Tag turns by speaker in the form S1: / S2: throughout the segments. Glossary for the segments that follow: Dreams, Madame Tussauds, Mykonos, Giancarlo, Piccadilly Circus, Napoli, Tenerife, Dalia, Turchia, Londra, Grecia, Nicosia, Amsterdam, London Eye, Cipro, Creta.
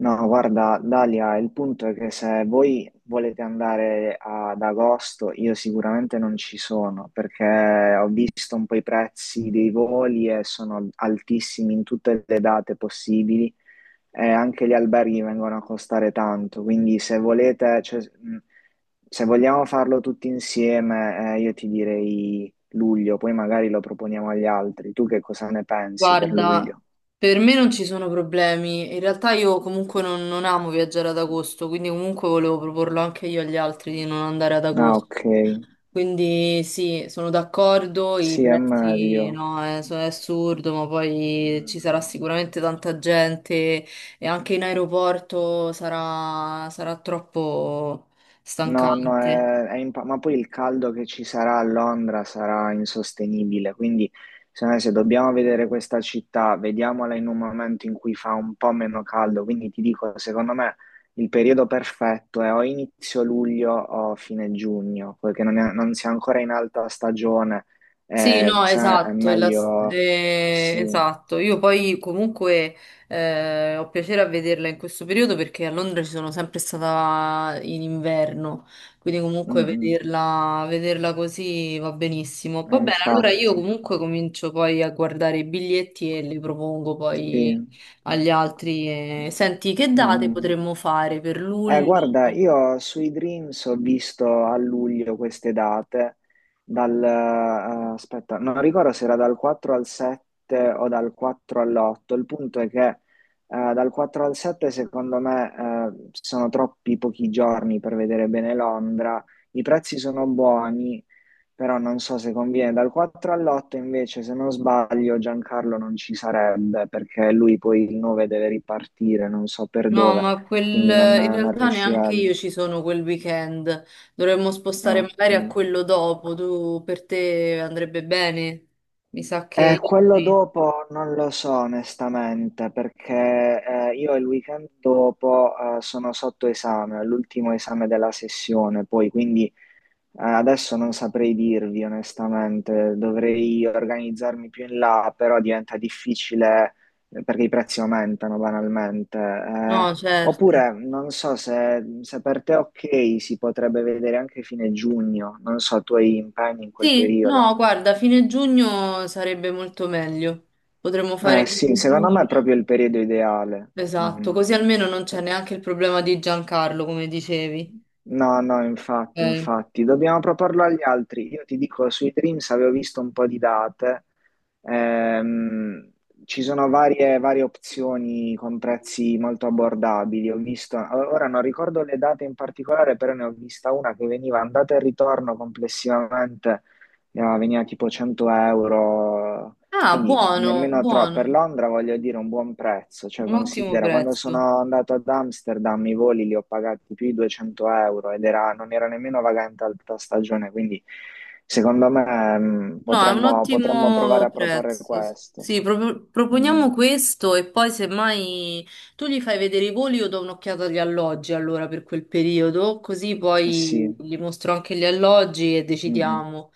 S1: No, guarda, Dalia, il punto è che se voi volete andare ad agosto, io sicuramente non ci sono perché ho visto un po' i prezzi dei voli e sono altissimi in tutte le date possibili e anche gli alberghi vengono a costare tanto, quindi se volete, cioè, se vogliamo farlo tutti insieme, io ti direi luglio, poi magari lo proponiamo agli altri. Tu che cosa ne pensi per
S2: Guarda,
S1: luglio?
S2: per me non ci sono problemi. In realtà io comunque non amo viaggiare ad agosto, quindi comunque volevo proporlo anche io agli altri di non andare ad
S1: Ah,
S2: agosto.
S1: ok.
S2: Quindi sì, sono d'accordo, i
S1: Sì, è
S2: prezzi
S1: meglio.
S2: no, è assurdo, ma poi ci sarà
S1: Mm.
S2: sicuramente tanta gente e anche in aeroporto sarà troppo
S1: No, no,
S2: stancante.
S1: ma poi il caldo che ci sarà a Londra sarà insostenibile, quindi secondo me se dobbiamo vedere questa città, vediamola in un momento in cui fa un po' meno caldo. Quindi ti dico, secondo me il periodo perfetto è o inizio luglio o fine giugno, perché non si è ancora in alta stagione.
S2: Sì, no,
S1: No, è
S2: esatto,
S1: meglio. Sì.
S2: esatto. Io poi comunque ho piacere a vederla in questo periodo perché a Londra ci sono sempre stata in inverno, quindi
S1: Mm,
S2: comunque
S1: mm.
S2: vederla così va benissimo. Va bene, allora io
S1: Infatti.
S2: comunque comincio poi a guardare i biglietti e li propongo
S1: Sì.
S2: poi agli altri. Senti, che
S1: Mm,
S2: date
S1: mm.
S2: potremmo fare per luglio?
S1: Guarda, io sui Dreams ho visto a luglio queste date. dal, eh, Aspetta, non ricordo se era dal 4 al 7 o dal 4 all'8, il punto è che dal 4 al 7 secondo me sono troppi pochi giorni per vedere bene Londra, i prezzi sono buoni, però non so se conviene. Dal 4 all'8 invece, se non sbaglio, Giancarlo non ci sarebbe perché lui poi il 9 deve ripartire, non so per
S2: No,
S1: dove,
S2: ma quel,
S1: quindi non,
S2: in
S1: non
S2: realtà neanche io
S1: riuscirebbe.
S2: ci sono quel weekend. Dovremmo
S1: Ah,
S2: spostare
S1: ok.
S2: magari a quello dopo. Tu per te andrebbe bene? Mi sa che io
S1: Quello
S2: sì.
S1: dopo non lo so onestamente perché io il weekend dopo sono sotto esame, è l'ultimo esame della sessione, poi quindi adesso non saprei dirvi onestamente, dovrei organizzarmi più in là, però diventa difficile perché i prezzi aumentano banalmente.
S2: No, certo.
S1: Oppure non so se per te è ok, si potrebbe vedere anche fine giugno, non so, tu hai impegni in quel
S2: Sì,
S1: periodo.
S2: no, guarda, fine giugno sarebbe molto meglio. Potremmo fare
S1: Eh sì,
S2: fine
S1: secondo me
S2: giugno.
S1: è proprio il periodo ideale.
S2: Esatto,
S1: Mm.
S2: così almeno non c'è neanche il problema di Giancarlo, come dicevi.
S1: No, no, infatti,
S2: Ok.
S1: infatti, dobbiamo proporlo agli altri. Io ti dico, sui Dreams avevo visto un po' di date. Ehm, Ci sono varie, varie opzioni con prezzi molto abbordabili. Ho visto, ora non ricordo le date in particolare, però ne ho vista una che veniva andata e ritorno complessivamente, veniva tipo 100 euro,
S2: Ah,
S1: quindi
S2: buono,
S1: nemmeno troppo. Per
S2: buono.
S1: Londra voglio dire un buon prezzo, cioè
S2: Un ottimo
S1: considera, quando
S2: prezzo.
S1: sono andato ad Amsterdam i voli li ho pagati più di 200 euro ed era, non era nemmeno vagante alta stagione, quindi secondo me
S2: No, è un
S1: potremmo provare
S2: ottimo
S1: a proporre
S2: prezzo.
S1: questo.
S2: Sì,
S1: Mm,
S2: proponiamo questo e poi semmai tu gli fai vedere i voli, io do un'occhiata agli alloggi allora per quel periodo, così
S1: sì.
S2: poi gli mostro anche gli alloggi e
S1: Mm, mm.
S2: decidiamo.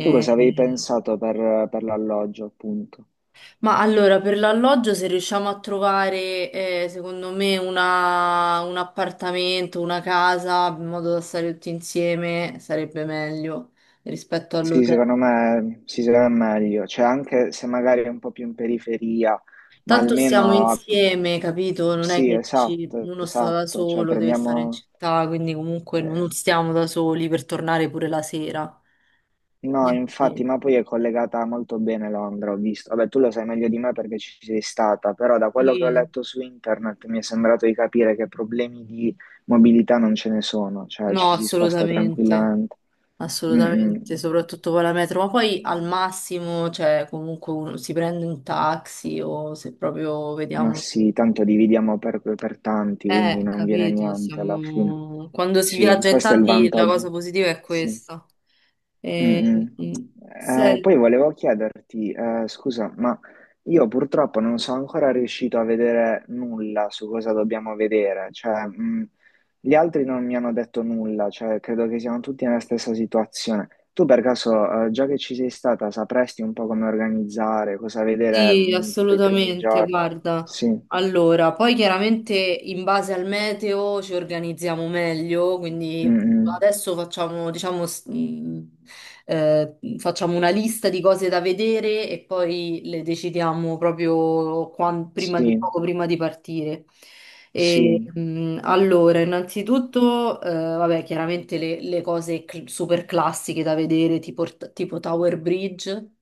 S1: Tu cosa avevi pensato per l'alloggio, appunto?
S2: Ma allora, per l'alloggio se riusciamo a trovare, secondo me, un appartamento, una casa, in modo da stare tutti insieme, sarebbe meglio rispetto
S1: Sì,
S2: all'hotel.
S1: secondo me si sarà meglio, cioè anche se magari è un po' più in periferia, ma
S2: Tanto stiamo
S1: almeno
S2: insieme, capito? Non è
S1: sì,
S2: che dici
S1: esatto,
S2: uno sta da
S1: esatto, cioè
S2: solo, deve stare in
S1: prendiamo...
S2: città, quindi comunque
S1: eh,
S2: non stiamo da soli per tornare pure la sera.
S1: No,
S2: Quindi
S1: infatti, ma poi è collegata molto bene Londra, ho visto. Vabbè, tu lo sai meglio di me perché ci sei stata, però da quello che ho
S2: sì,
S1: letto su internet mi è sembrato di capire che problemi di mobilità non ce ne sono, cioè
S2: no,
S1: ci si sposta
S2: assolutamente,
S1: tranquillamente. Mm, mm.
S2: assolutamente, soprattutto con la metro, ma poi al massimo, cioè comunque uno si prende un taxi o se proprio
S1: Ma
S2: vediamo...
S1: sì, tanto dividiamo per tanti, quindi non viene
S2: Capito,
S1: niente alla fine.
S2: siamo... quando si
S1: Sì,
S2: viaggia in
S1: questo è il
S2: tanti la cosa
S1: vantaggio.
S2: positiva è
S1: Sì.
S2: questa.
S1: Mm,
S2: E,
S1: mm.
S2: mm,
S1: Poi
S2: senti,
S1: volevo chiederti, scusa, ma io purtroppo non sono ancora riuscito a vedere nulla su cosa dobbiamo vedere. Cioè, gli altri non mi hanno detto nulla, cioè, credo che siamo tutti nella stessa situazione. Tu per caso, già che ci sei stata, sapresti un po' come organizzare, cosa vedere,
S2: Sì,
S1: tipo i primi
S2: assolutamente,
S1: giorni?
S2: guarda.
S1: Sì.
S2: Allora, poi chiaramente in base al meteo ci organizziamo meglio, quindi
S1: Mm.
S2: adesso facciamo, diciamo, facciamo una lista di cose da vedere e poi le decidiamo proprio prima di,
S1: Sì,
S2: poco prima di partire. E,
S1: sì.
S2: allora, innanzitutto, vabbè, chiaramente le cose super classiche da vedere, tipo, tipo Tower Bridge.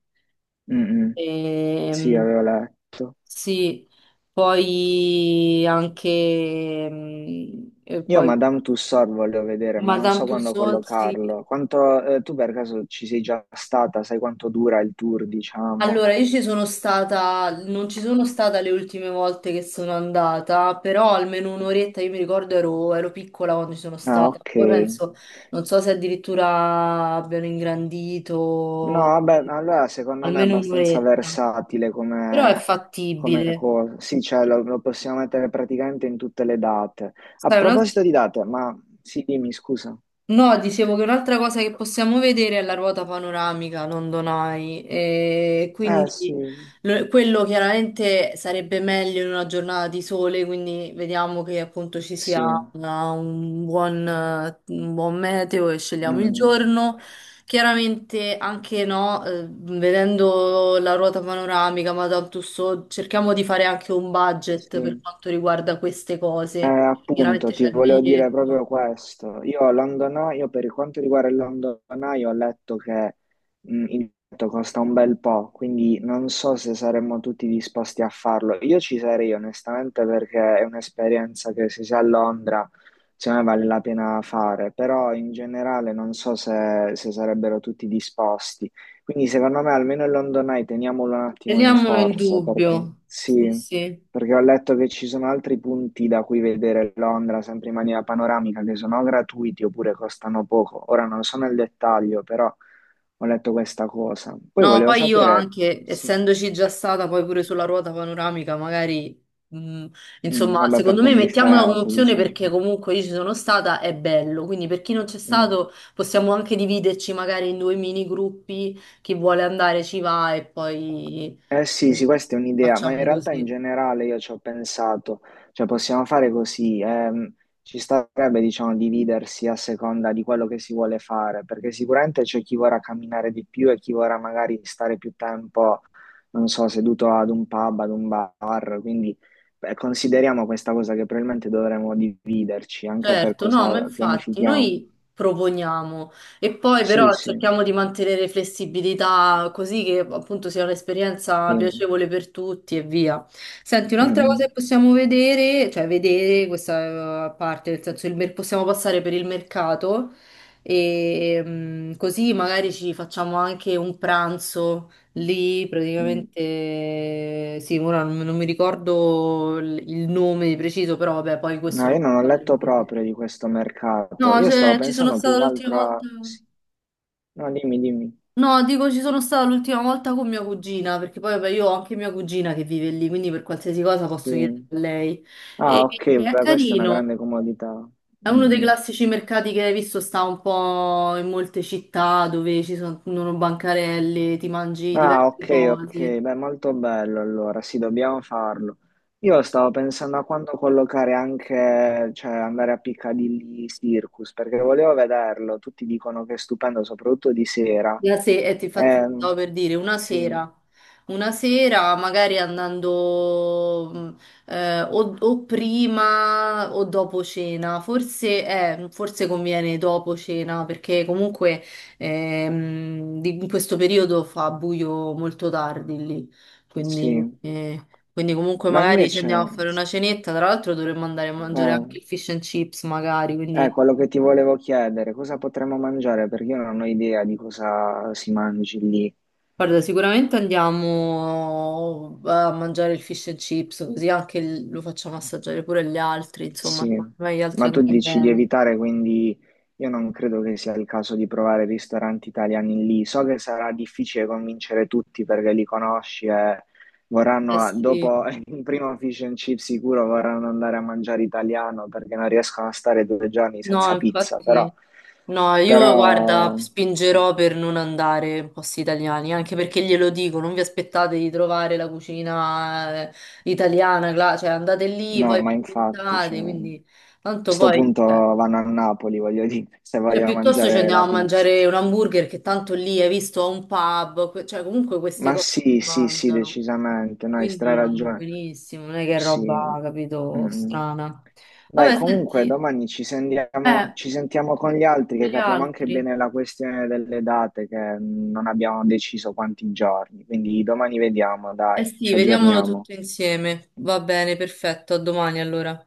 S1: Mm. Sì,
S2: Ehm,
S1: avevo letto.
S2: sì, poi anche mm, e
S1: Io
S2: poi
S1: Madame Tussauds volevo vedere, ma non
S2: Madame
S1: so quando
S2: Tussauds. Sì.
S1: collocarlo. Tu per caso ci sei già stata? Sai quanto dura il tour, diciamo?
S2: Allora, io ci sono stata, non ci sono stata le ultime volte che sono andata, però almeno un'oretta, io mi ricordo ero piccola quando ci sono
S1: Ah,
S2: stata.
S1: ok.
S2: Poi penso, non so se addirittura abbiano
S1: No,
S2: ingrandito
S1: vabbè, allora secondo me è
S2: almeno
S1: abbastanza
S2: un'oretta,
S1: versatile
S2: però è
S1: come,
S2: fattibile.
S1: cosa. Sì, cioè lo possiamo mettere praticamente in tutte le date. A
S2: Sai, un'altra
S1: proposito di date, ma sì, dimmi, scusa.
S2: No, dicevo che un'altra cosa che possiamo vedere è la ruota panoramica London Eye, e
S1: Sì,
S2: quindi quello chiaramente sarebbe meglio in una giornata di sole, quindi vediamo che appunto ci sia
S1: sì.
S2: un buon meteo e scegliamo il
S1: Mm,
S2: giorno. Chiaramente anche no, vedendo la ruota panoramica, Madame Tussauds, cerchiamo di fare anche un budget per
S1: sì.
S2: quanto riguarda queste cose.
S1: Appunto,
S2: Chiaramente
S1: ti
S2: c'è il
S1: volevo dire
S2: biglietto.
S1: proprio questo. Io per quanto riguarda il London Eye, ho letto che il biglietto costa un bel po', quindi non so se saremmo tutti disposti a farlo. Io ci sarei onestamente perché è un'esperienza che se si è a Londra, secondo me vale la pena fare, però in generale non so se sarebbero tutti disposti. Quindi secondo me almeno il London Eye teniamolo un attimo in
S2: Teniamolo in
S1: forza, perché
S2: dubbio. Sì,
S1: sì.
S2: sì.
S1: Perché ho letto che ci sono altri punti da cui vedere Londra, sempre in maniera panoramica, che sono gratuiti oppure costano poco. Ora non so nel dettaglio, però ho letto questa cosa. Poi
S2: No,
S1: volevo
S2: poi io
S1: sapere.
S2: anche,
S1: Sì.
S2: essendoci già stata poi pure sulla ruota panoramica, magari, mh,
S1: Mm.
S2: insomma,
S1: Vabbè, per
S2: secondo
S1: te è
S2: me mettiamola come
S1: indifferente,
S2: opzione
S1: diciamo.
S2: perché comunque io ci sono stata, è bello. Quindi per chi non c'è
S1: Mm.
S2: stato possiamo anche dividerci magari in due mini gruppi, chi vuole andare ci va e poi
S1: Eh sì,
S2: eh,
S1: sì, questa è un'idea, ma in
S2: facciamo
S1: realtà in
S2: così.
S1: generale io ci ho pensato, cioè possiamo fare così, ci starebbe diciamo dividersi a seconda di quello che si vuole fare, perché sicuramente c'è chi vorrà camminare di più e chi vorrà magari stare più tempo, non so, seduto ad un pub, ad un bar, quindi beh, consideriamo questa cosa che probabilmente dovremmo dividerci anche per
S2: Certo, no, ma
S1: cosa
S2: infatti
S1: pianifichiamo.
S2: noi proponiamo e poi
S1: Sì,
S2: però
S1: sì,
S2: cerchiamo di mantenere flessibilità così che appunto sia
S1: sì.
S2: un'esperienza
S1: Mm,
S2: piacevole per tutti e via. Senti, un'altra cosa
S1: mm,
S2: che possiamo vedere, cioè vedere questa parte, nel senso possiamo passare per il mercato e mm, così magari ci facciamo anche un pranzo lì,
S1: mm.
S2: praticamente sì, ora non mi ricordo il nome preciso, però vabbè, poi questo
S1: No, io
S2: lo...
S1: non ho letto proprio di questo mercato.
S2: No,
S1: Io stavo
S2: cioè, ci sono
S1: pensando più
S2: stata
S1: che
S2: l'ultima
S1: altro a...
S2: volta.
S1: Sì. No, dimmi, dimmi.
S2: No, dico ci sono stata l'ultima volta con mia cugina, perché poi vabbè, io ho anche mia cugina che vive lì, quindi per qualsiasi cosa posso chiedere
S1: Sì.
S2: a lei.
S1: Ah,
S2: E
S1: ok,
S2: è
S1: beh, questa è una
S2: carino.
S1: grande comodità.
S2: È
S1: Mm,
S2: uno dei
S1: mm.
S2: classici mercati che hai visto, sta un po' in molte città dove ci sono bancarelle, ti mangi
S1: Ah,
S2: diverse
S1: ok, ok,
S2: cose.
S1: beh, molto bello allora, sì, dobbiamo farlo. Io stavo pensando a quando collocare anche, cioè andare a Piccadilly Circus, perché volevo vederlo, tutti dicono che è stupendo, soprattutto di sera.
S2: La se- ti- infatti ti
S1: Ehm,
S2: stavo per dire
S1: sì,
S2: una sera magari andando o prima o dopo cena, forse, forse conviene dopo cena perché comunque in questo periodo fa buio molto tardi lì, quindi,
S1: sì.
S2: quindi comunque
S1: Ma
S2: magari ci
S1: invece...
S2: andiamo a fare
S1: Sì.
S2: una cenetta, tra l'altro dovremmo andare a mangiare
S1: Ah,
S2: anche il fish and chips magari, quindi...
S1: quello che ti volevo chiedere, cosa potremmo mangiare? Perché io non ho idea di cosa si mangi lì.
S2: Guarda, sicuramente andiamo a mangiare il fish and chips, così anche lo facciamo assaggiare pure agli altri, insomma,
S1: Sì,
S2: secondo me gli altri
S1: ma tu
S2: andranno
S1: dici di
S2: bene.
S1: evitare, quindi io non credo che sia il caso di provare ristoranti italiani lì. So che sarà difficile convincere tutti perché li conosci e
S2: Eh
S1: vorranno,
S2: sì.
S1: dopo il primo fish and chip sicuro, vorranno andare a mangiare italiano perché non riescono a stare due giorni
S2: No,
S1: senza pizza, però...
S2: infatti, no, io guarda,
S1: Però.
S2: spingerò per non andare in posti italiani, anche perché glielo dico, non vi aspettate di trovare la cucina italiana, cioè andate lì,
S1: No,
S2: poi
S1: ma
S2: vi
S1: infatti, cioè,
S2: inventate,
S1: a
S2: quindi tanto
S1: sto
S2: poi...
S1: punto
S2: cioè,
S1: vanno a Napoli, voglio dire, se
S2: Cioè,
S1: voglio
S2: piuttosto ci
S1: mangiare
S2: andiamo
S1: la
S2: a
S1: pizza.
S2: mangiare un hamburger che tanto lì hai visto a un pub, cioè comunque queste
S1: Ma
S2: cose
S1: sì,
S2: si
S1: sì, sì,
S2: mangiano,
S1: decisamente, no, hai stra
S2: quindi vanno
S1: ragione.
S2: benissimo, non è che è
S1: Sì.
S2: roba, capito,
S1: Mm.
S2: strana.
S1: Dai,
S2: Vabbè,
S1: comunque
S2: senti,
S1: domani ci sentiamo,
S2: eh,
S1: con gli altri
S2: con
S1: che
S2: gli
S1: capiamo anche
S2: altri.
S1: bene la questione delle date che non abbiamo deciso quanti giorni. Quindi domani vediamo,
S2: Eh
S1: dai,
S2: sì,
S1: ci
S2: vediamolo
S1: aggiorniamo.
S2: tutto insieme. Va bene, perfetto, a domani allora.